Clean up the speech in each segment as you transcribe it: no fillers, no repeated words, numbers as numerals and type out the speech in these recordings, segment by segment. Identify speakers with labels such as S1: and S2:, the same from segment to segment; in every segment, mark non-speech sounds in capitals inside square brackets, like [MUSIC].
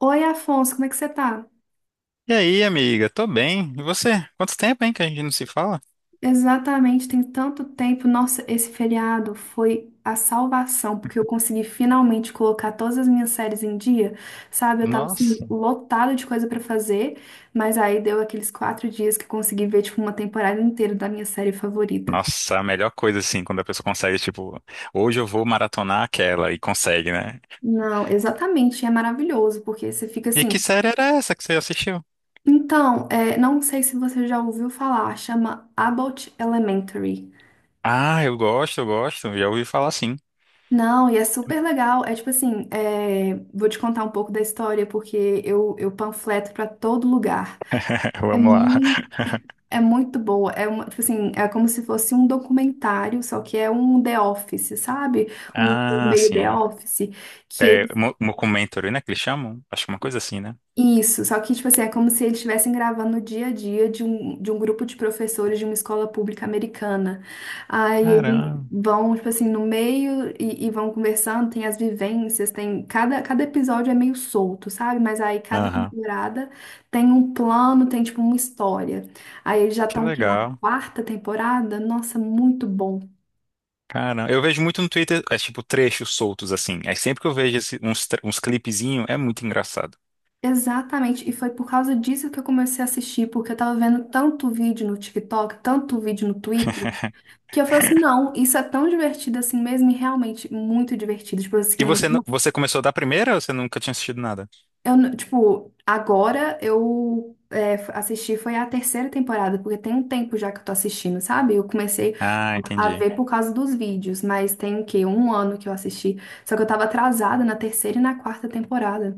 S1: Oi, Afonso, como é que você tá?
S2: E aí, amiga? Tô bem. E você? Quanto tempo, hein, que a gente não se fala?
S1: Exatamente, tem tanto tempo. Nossa, esse feriado foi a salvação, porque eu consegui finalmente colocar todas as minhas séries em dia, sabe? Eu tava assim,
S2: Nossa.
S1: lotada de coisa pra fazer, mas aí deu aqueles quatro dias que eu consegui ver, tipo, uma temporada inteira da minha série favorita.
S2: Nossa, a melhor coisa, assim, quando a pessoa consegue, tipo, hoje eu vou maratonar aquela e consegue, né?
S1: Não, exatamente, é maravilhoso, porque você fica
S2: E que
S1: assim.
S2: série era essa que você assistiu?
S1: Então, não sei se você já ouviu falar, chama Abbott Elementary.
S2: Ah, eu gosto, eu gosto. Já ouvi falar sim.
S1: Não, e é super legal. É tipo assim, vou te contar um pouco da história, porque eu panfleto pra todo lugar.
S2: [LAUGHS]
S1: É
S2: Vamos lá.
S1: muito,
S2: [LAUGHS]
S1: é muito boa. É uma, tipo assim, é como se fosse um documentário, só que é um The Office, sabe? Um
S2: Ah,
S1: meio The
S2: sim.
S1: Office, que
S2: É, mockumentary, né, que eles chamam? Acho que é uma coisa assim, né?
S1: Isso, só que, tipo assim, é como se eles estivessem gravando o dia a dia de de um grupo de professores de uma escola pública americana. Aí eles
S2: Caramba.
S1: vão, tipo assim, no meio e vão conversando, tem as vivências, tem... cada episódio é meio solto, sabe? Mas aí cada
S2: Aham.
S1: temporada tem um plano, tem, tipo, uma história. Aí eles já
S2: Que
S1: estão aqui na
S2: legal.
S1: quarta temporada, nossa, muito bom.
S2: Caramba. Eu vejo muito no Twitter, é tipo trechos soltos, assim. Aí sempre que eu vejo uns, uns clipezinhos, é muito engraçado.
S1: Exatamente, e foi por causa disso que eu comecei a assistir, porque eu tava vendo tanto vídeo no TikTok, tanto vídeo no Twitter, que eu falei assim, não, isso é tão divertido assim mesmo, e realmente muito divertido. Tipo assim,
S2: E
S1: não,
S2: você, você começou da primeira ou você nunca tinha assistido nada?
S1: eu, não- tipo, agora eu é, assisti, foi a terceira temporada, porque tem um tempo já que eu tô assistindo, sabe? Eu comecei
S2: Ah,
S1: a
S2: entendi.
S1: ver por causa dos vídeos, mas tem o quê? Um ano que eu assisti. Só que eu tava atrasada na terceira e na quarta temporada.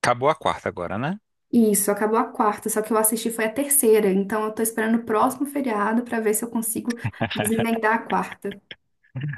S2: Acabou a quarta agora, né?
S1: Isso, acabou a quarta, só que eu assisti foi a terceira, então eu tô esperando o próximo feriado pra ver se eu consigo desemendar a quarta.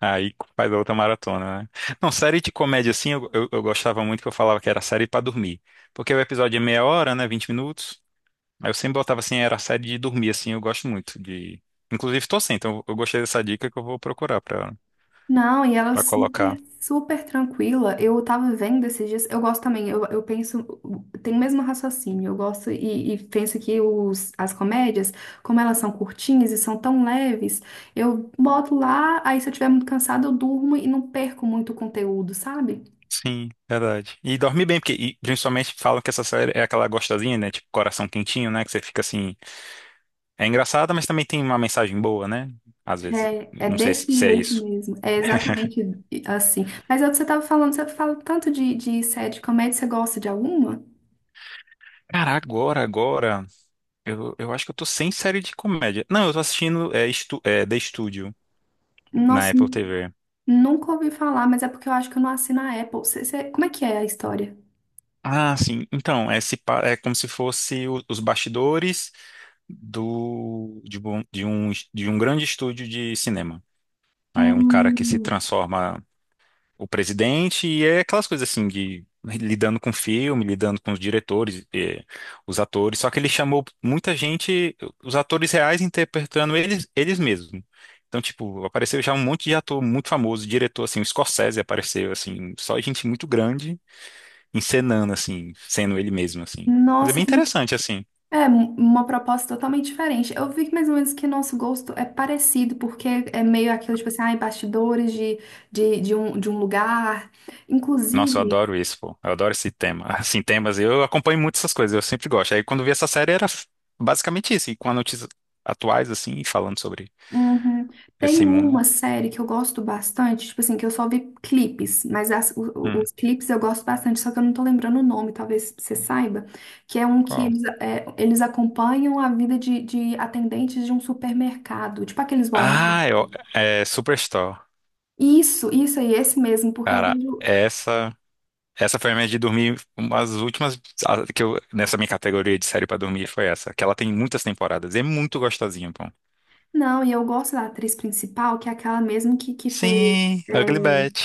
S2: Aí faz a outra maratona, né? Não, série de comédia assim, eu gostava muito que eu falava que era série pra dormir. Porque o episódio é meia hora, né? 20 minutos. Aí eu sempre botava assim, era série de dormir, assim, eu gosto muito de. Inclusive tô sem, então eu gostei dessa dica que eu vou procurar pra,
S1: Não, e ela é
S2: pra
S1: super,
S2: colocar.
S1: super tranquila. Eu tava vendo esses dias, eu gosto também, eu penso, tem o mesmo raciocínio, eu gosto e penso que as comédias, como elas são curtinhas e são tão leves, eu boto lá, aí se eu estiver muito cansada, eu durmo e não perco muito o conteúdo, sabe?
S2: Sim, verdade. E dorme bem, porque e, principalmente falam que essa série é aquela gostosinha, né? Tipo, coração quentinho, né? Que você fica assim. É engraçada, mas também tem uma mensagem boa, né? Às vezes.
S1: É, é
S2: Não sei se
S1: desse
S2: se é
S1: jeito
S2: isso.
S1: mesmo, é exatamente assim. Mas é o que você tava falando, você fala tanto de série de comédia, você gosta de alguma?
S2: Cara, agora, agora. Eu acho que eu tô sem série de comédia. Não, eu tô assistindo é, é, The Studio na
S1: Nossa,
S2: Apple TV.
S1: nunca ouvi falar, mas é porque eu acho que eu não assino a Apple. Como é que é a história?
S2: Ah, sim. Então, é, se pa- é como se fosse os bastidores do, de, de um grande estúdio de cinema. Aí é um cara que se
S1: Hum,
S2: transforma o presidente, e é aquelas coisas assim de lidando com filme, lidando com os diretores, os atores, só que ele chamou muita gente, os atores reais interpretando eles, eles mesmos. Então, tipo, apareceu já um monte de ator muito famoso, diretor, assim, o Scorsese apareceu, assim, só gente muito grande encenando, assim, sendo ele mesmo, assim. Mas é
S1: nossa,
S2: bem
S1: que...
S2: interessante, assim.
S1: é um- uma proposta totalmente diferente. Eu vi que mais ou menos que nosso gosto é parecido, porque é meio aquilo, tipo assim, ai, bastidores de um lugar.
S2: Nossa, eu
S1: Inclusive,
S2: adoro isso, pô. Eu adoro esse tema. [LAUGHS] Assim, temas, eu acompanho muito essas coisas, eu sempre gosto. Aí quando vi essa série era basicamente isso, e com as notícias atuais, assim, e falando sobre
S1: uhum. Tem
S2: esse mundo.
S1: uma série que eu gosto bastante, tipo assim, que eu só vi clipes, mas
S2: Hum,
S1: os clipes eu gosto bastante, só que eu não tô lembrando o nome, talvez você saiba, que é um que
S2: qual?
S1: eles acompanham a vida de atendentes de um supermercado, tipo aqueles Walmart.
S2: Ah, eu, é Superstore.
S1: Isso aí, esse mesmo, porque eu
S2: Cara,
S1: vejo.
S2: essa foi a minha de dormir, uma das últimas que eu, nessa minha categoria de série pra dormir foi essa, que ela tem muitas temporadas, e é muito gostosinha, pô.
S1: Não, e eu gosto da atriz principal, que é aquela mesmo que fez.
S2: Sim, Ugly
S1: É,
S2: Betty.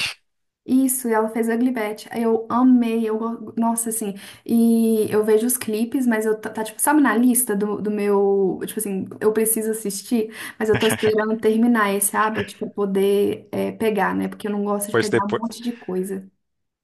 S1: isso, e ela fez Ugly Betty. Aí eu amei, nossa, assim, e eu vejo os clipes, mas eu, tipo, sabe, na lista do meu, tipo assim, eu preciso assistir, mas eu tô esperando terminar esse aba, tipo, pra poder é, pegar, né, porque eu não gosto de
S2: Pois
S1: pegar um
S2: depois
S1: monte de coisa.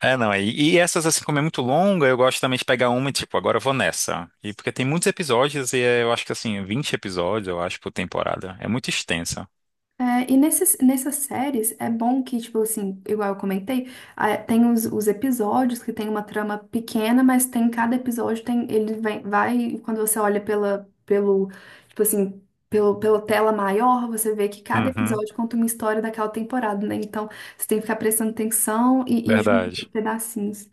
S2: é, não, e essas, assim, como é muito longa, eu gosto também de pegar uma e, tipo, agora eu vou nessa. E porque tem muitos episódios, e é, eu acho que, assim, vinte episódios, eu acho, por temporada. É muito extensa.
S1: É, e nessas séries é bom que, tipo assim, igual eu comentei, ah, tem os episódios que tem uma trama pequena, mas tem cada episódio, tem, ele vem, vai, quando você olha pela, pelo, tipo assim, pelo, pela tela maior, você vê que cada
S2: Uhum,
S1: episódio conta uma história daquela temporada, né? Então você tem que ficar prestando atenção e juntando
S2: verdade.
S1: pedacinhos.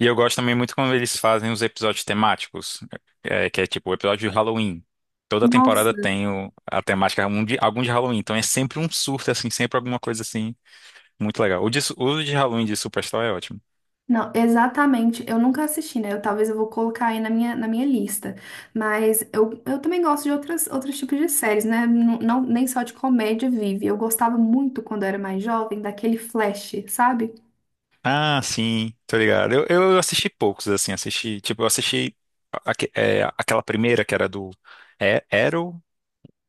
S2: E eu gosto também muito quando eles fazem os episódios temáticos, é, que é tipo o episódio de Halloween. Toda temporada
S1: Nossa,
S2: tem a temática algum de Halloween, então é sempre um surto, assim, sempre alguma coisa assim, muito legal. O de, o de Halloween de Superstore é ótimo.
S1: não, exatamente. Eu nunca assisti, né? Eu, talvez eu vou colocar aí na minha lista. Mas eu também gosto de outras, outros tipos de séries, né? Nem só de comédia vive. Eu gostava muito, quando eu era mais jovem, daquele Flash, sabe?
S2: Ah, sim, tô ligado. Eu assisti poucos, assim, assisti, tipo, eu assisti é, aquela primeira que era do é, Arrow,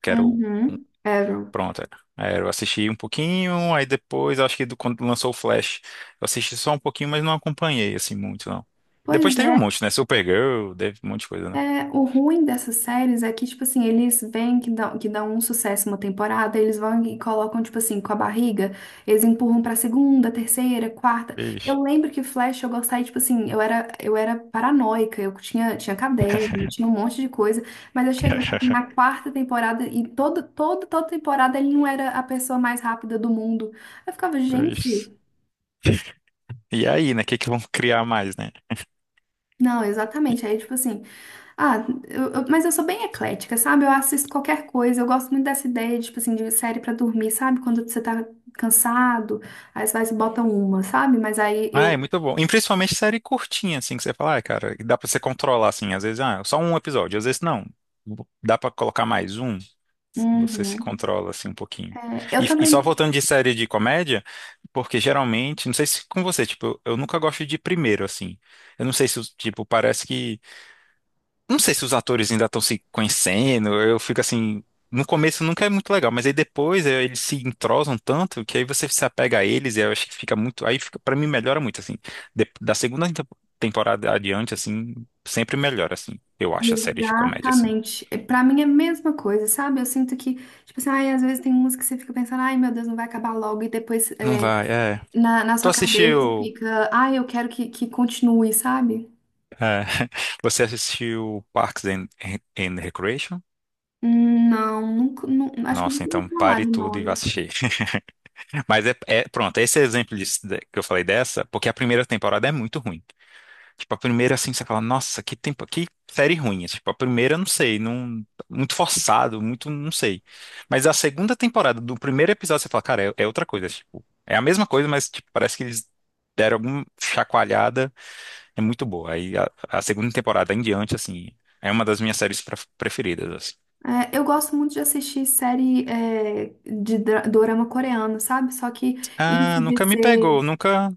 S2: que era o
S1: Uhum. Arrow.
S2: pronto, é. É, eu assisti um pouquinho, aí depois, acho que quando lançou o Flash, eu assisti só um pouquinho, mas não acompanhei, assim, muito, não. Depois
S1: Pois
S2: teve um
S1: é.
S2: monte, né? Supergirl, teve um monte de coisa, né?
S1: É, o ruim dessas séries é que, tipo assim, eles vêm que dão um sucesso uma temporada, eles vão e colocam, tipo assim, com a barriga, eles empurram pra segunda, terceira, quarta.
S2: Vixe.
S1: Eu lembro que Flash eu gostava, e, tipo assim, eu era paranoica, tinha caderno, tinha um monte de coisa, mas eu chegou, tipo, na
S2: [LAUGHS]
S1: quarta temporada e toda temporada ele não era a pessoa mais rápida do mundo. Eu ficava, gente,
S2: Vixe. E aí, né? O que que vão [LAUGHS] criar mais, né?
S1: não, exatamente. Aí, tipo assim. Ah, mas eu sou bem eclética, sabe? Eu assisto qualquer coisa. Eu gosto muito dessa ideia, tipo assim, de série pra dormir, sabe? Quando você tá cansado, aí você vai e bota uma, sabe? Mas aí
S2: Ah, é
S1: eu.
S2: muito bom. E principalmente série curtinha, assim, que você fala, ah, cara, dá pra você controlar, assim, às vezes, ah, só um episódio, às vezes não. Dá pra colocar mais um, você se
S1: Uhum.
S2: controla, assim, um pouquinho.
S1: É, eu
S2: E só
S1: também.
S2: voltando de série de comédia, porque geralmente, não sei se com você, tipo, eu nunca gosto de primeiro, assim. Eu não sei se, tipo, parece que não sei se os atores ainda estão se conhecendo, eu fico assim. No começo nunca é muito legal, mas aí depois eles se entrosam tanto que aí você se apega a eles e eu acho que fica muito. Aí fica, para mim melhora muito, assim. Da segunda temporada adiante, assim, sempre melhora, assim. Eu acho a série de comédia, assim.
S1: Exatamente. É, pra mim é a mesma coisa, sabe? Eu sinto que, tipo assim, ai, às vezes tem música que você fica pensando, ai, meu Deus, não vai acabar logo. E depois
S2: Não
S1: é,
S2: vai, é.
S1: na sua
S2: Tu
S1: cabeça
S2: assistiu.
S1: fica, ai, eu quero que continue, sabe?
S2: É, [LAUGHS] você assistiu Parks and Recreation?
S1: Não, nunca, nu- acho que eu
S2: Nossa,
S1: nunca ouvi
S2: então
S1: falar
S2: pare
S1: de
S2: tudo e vá
S1: nome.
S2: assistir. [LAUGHS] Mas é, pronto, esse exemplo disso, que eu falei dessa, porque a primeira temporada é muito ruim. Tipo, a primeira, assim, você fala, nossa, que tempo, que série ruim. É, tipo, a primeira, eu não sei, não, muito forçado, muito, não sei. Mas a segunda temporada, do primeiro episódio, você fala, cara, é, é outra coisa, é, tipo, é a mesma coisa, mas, tipo, parece que eles deram alguma chacoalhada, é muito boa. Aí, a segunda temporada em diante, assim, é uma das minhas séries preferidas, assim.
S1: É, eu gosto muito de assistir série é, de dra- dorama coreano, sabe? Só que
S2: Ah,
S1: isso de
S2: nunca me
S1: ser,
S2: pegou, nunca...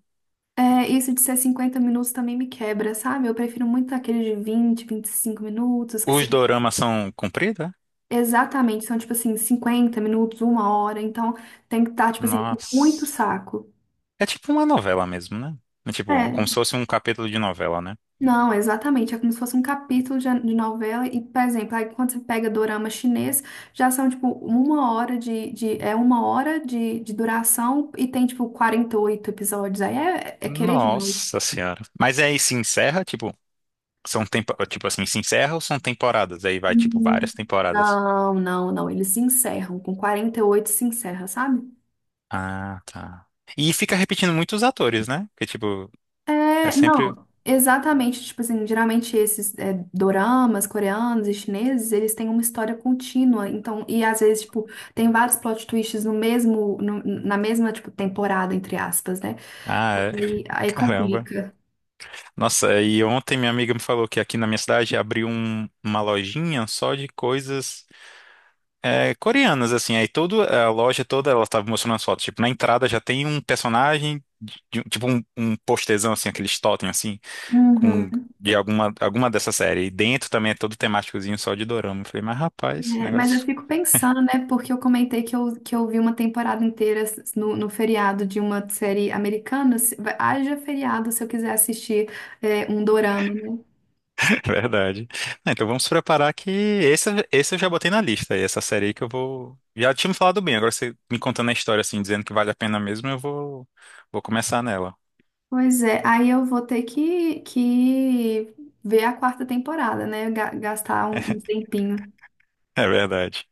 S1: é, isso de ser 50 minutos também me quebra, sabe? Eu prefiro muito aquele de vinte, vinte e cinco minutos, que
S2: Os
S1: se-
S2: doramas são compridos, é?
S1: exatamente são, tipo assim, 50 minutos, uma hora. Então tem que estar, tipo assim, com muito
S2: Nossa.
S1: saco.
S2: É tipo uma novela mesmo, né? É tipo, como se
S1: É,
S2: fosse um capítulo de novela, né?
S1: não, exatamente. É como se fosse um capítulo de novela. E, por exemplo, aí quando você pega dorama chinês, já são, tipo, uma hora é uma hora de duração e tem, tipo, 48 episódios. Aí é querer demais.
S2: Nossa senhora. Mas aí se encerra, tipo, são tempo, tipo assim, se encerra ou são temporadas? Aí vai, tipo,
S1: Uhum.
S2: várias temporadas.
S1: Não, não, não. Eles se encerram. Com 48 se encerra, sabe?
S2: Ah, tá. E fica repetindo muitos atores, né? Porque, tipo, é
S1: É,
S2: sempre.
S1: não, exatamente, tipo assim, geralmente esses é, doramas coreanos e chineses, eles têm uma história contínua, então, e às vezes, tipo, tem vários plot twists no mesmo, na mesma, tipo, temporada, entre aspas, né?
S2: Ah, é. [LAUGHS]
S1: Aí
S2: Caramba.
S1: complica.
S2: Nossa, e ontem minha amiga me falou que aqui na minha cidade abriu uma lojinha só de coisas é, coreanas, assim. Aí toda a loja toda, ela tava mostrando as fotos. Tipo, na entrada já tem um personagem, um, tipo um, um postezão, assim, aqueles totem, assim, com
S1: Uhum.
S2: de alguma, alguma dessa série. E dentro também é todo temáticozinho só de dorama. Eu falei, mas rapaz,
S1: É, mas eu
S2: negócio.
S1: fico pensando, né, porque eu comentei que que eu vi uma temporada inteira s- no, no feriado de uma série americana, se- vai- haja feriado se eu quiser assistir é, um dorama, né?
S2: [LAUGHS] Verdade. Ah, então vamos preparar que esse eu já botei na lista. E essa série aí que eu vou. Já tinha me falado bem, agora você me contando a história assim, dizendo que vale a pena mesmo, eu vou, vou começar nela. [LAUGHS]
S1: Pois é, aí eu vou ter que ver a quarta temporada, né? Gastar um, um tempinho.
S2: É verdade.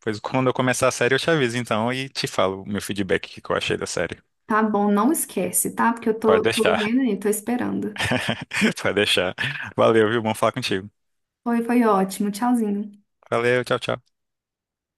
S2: Pois quando eu começar a série, eu te aviso então e te falo o meu feedback, o que que eu achei da série.
S1: Tá bom, não esquece, tá? Porque eu
S2: Pode
S1: tô, tô
S2: deixar.
S1: vendo aí, tô esperando.
S2: [LAUGHS] Pode deixar. Valeu, viu? Bom falar contigo.
S1: Foi, foi ótimo. Tchauzinho.
S2: Valeu, tchau, tchau.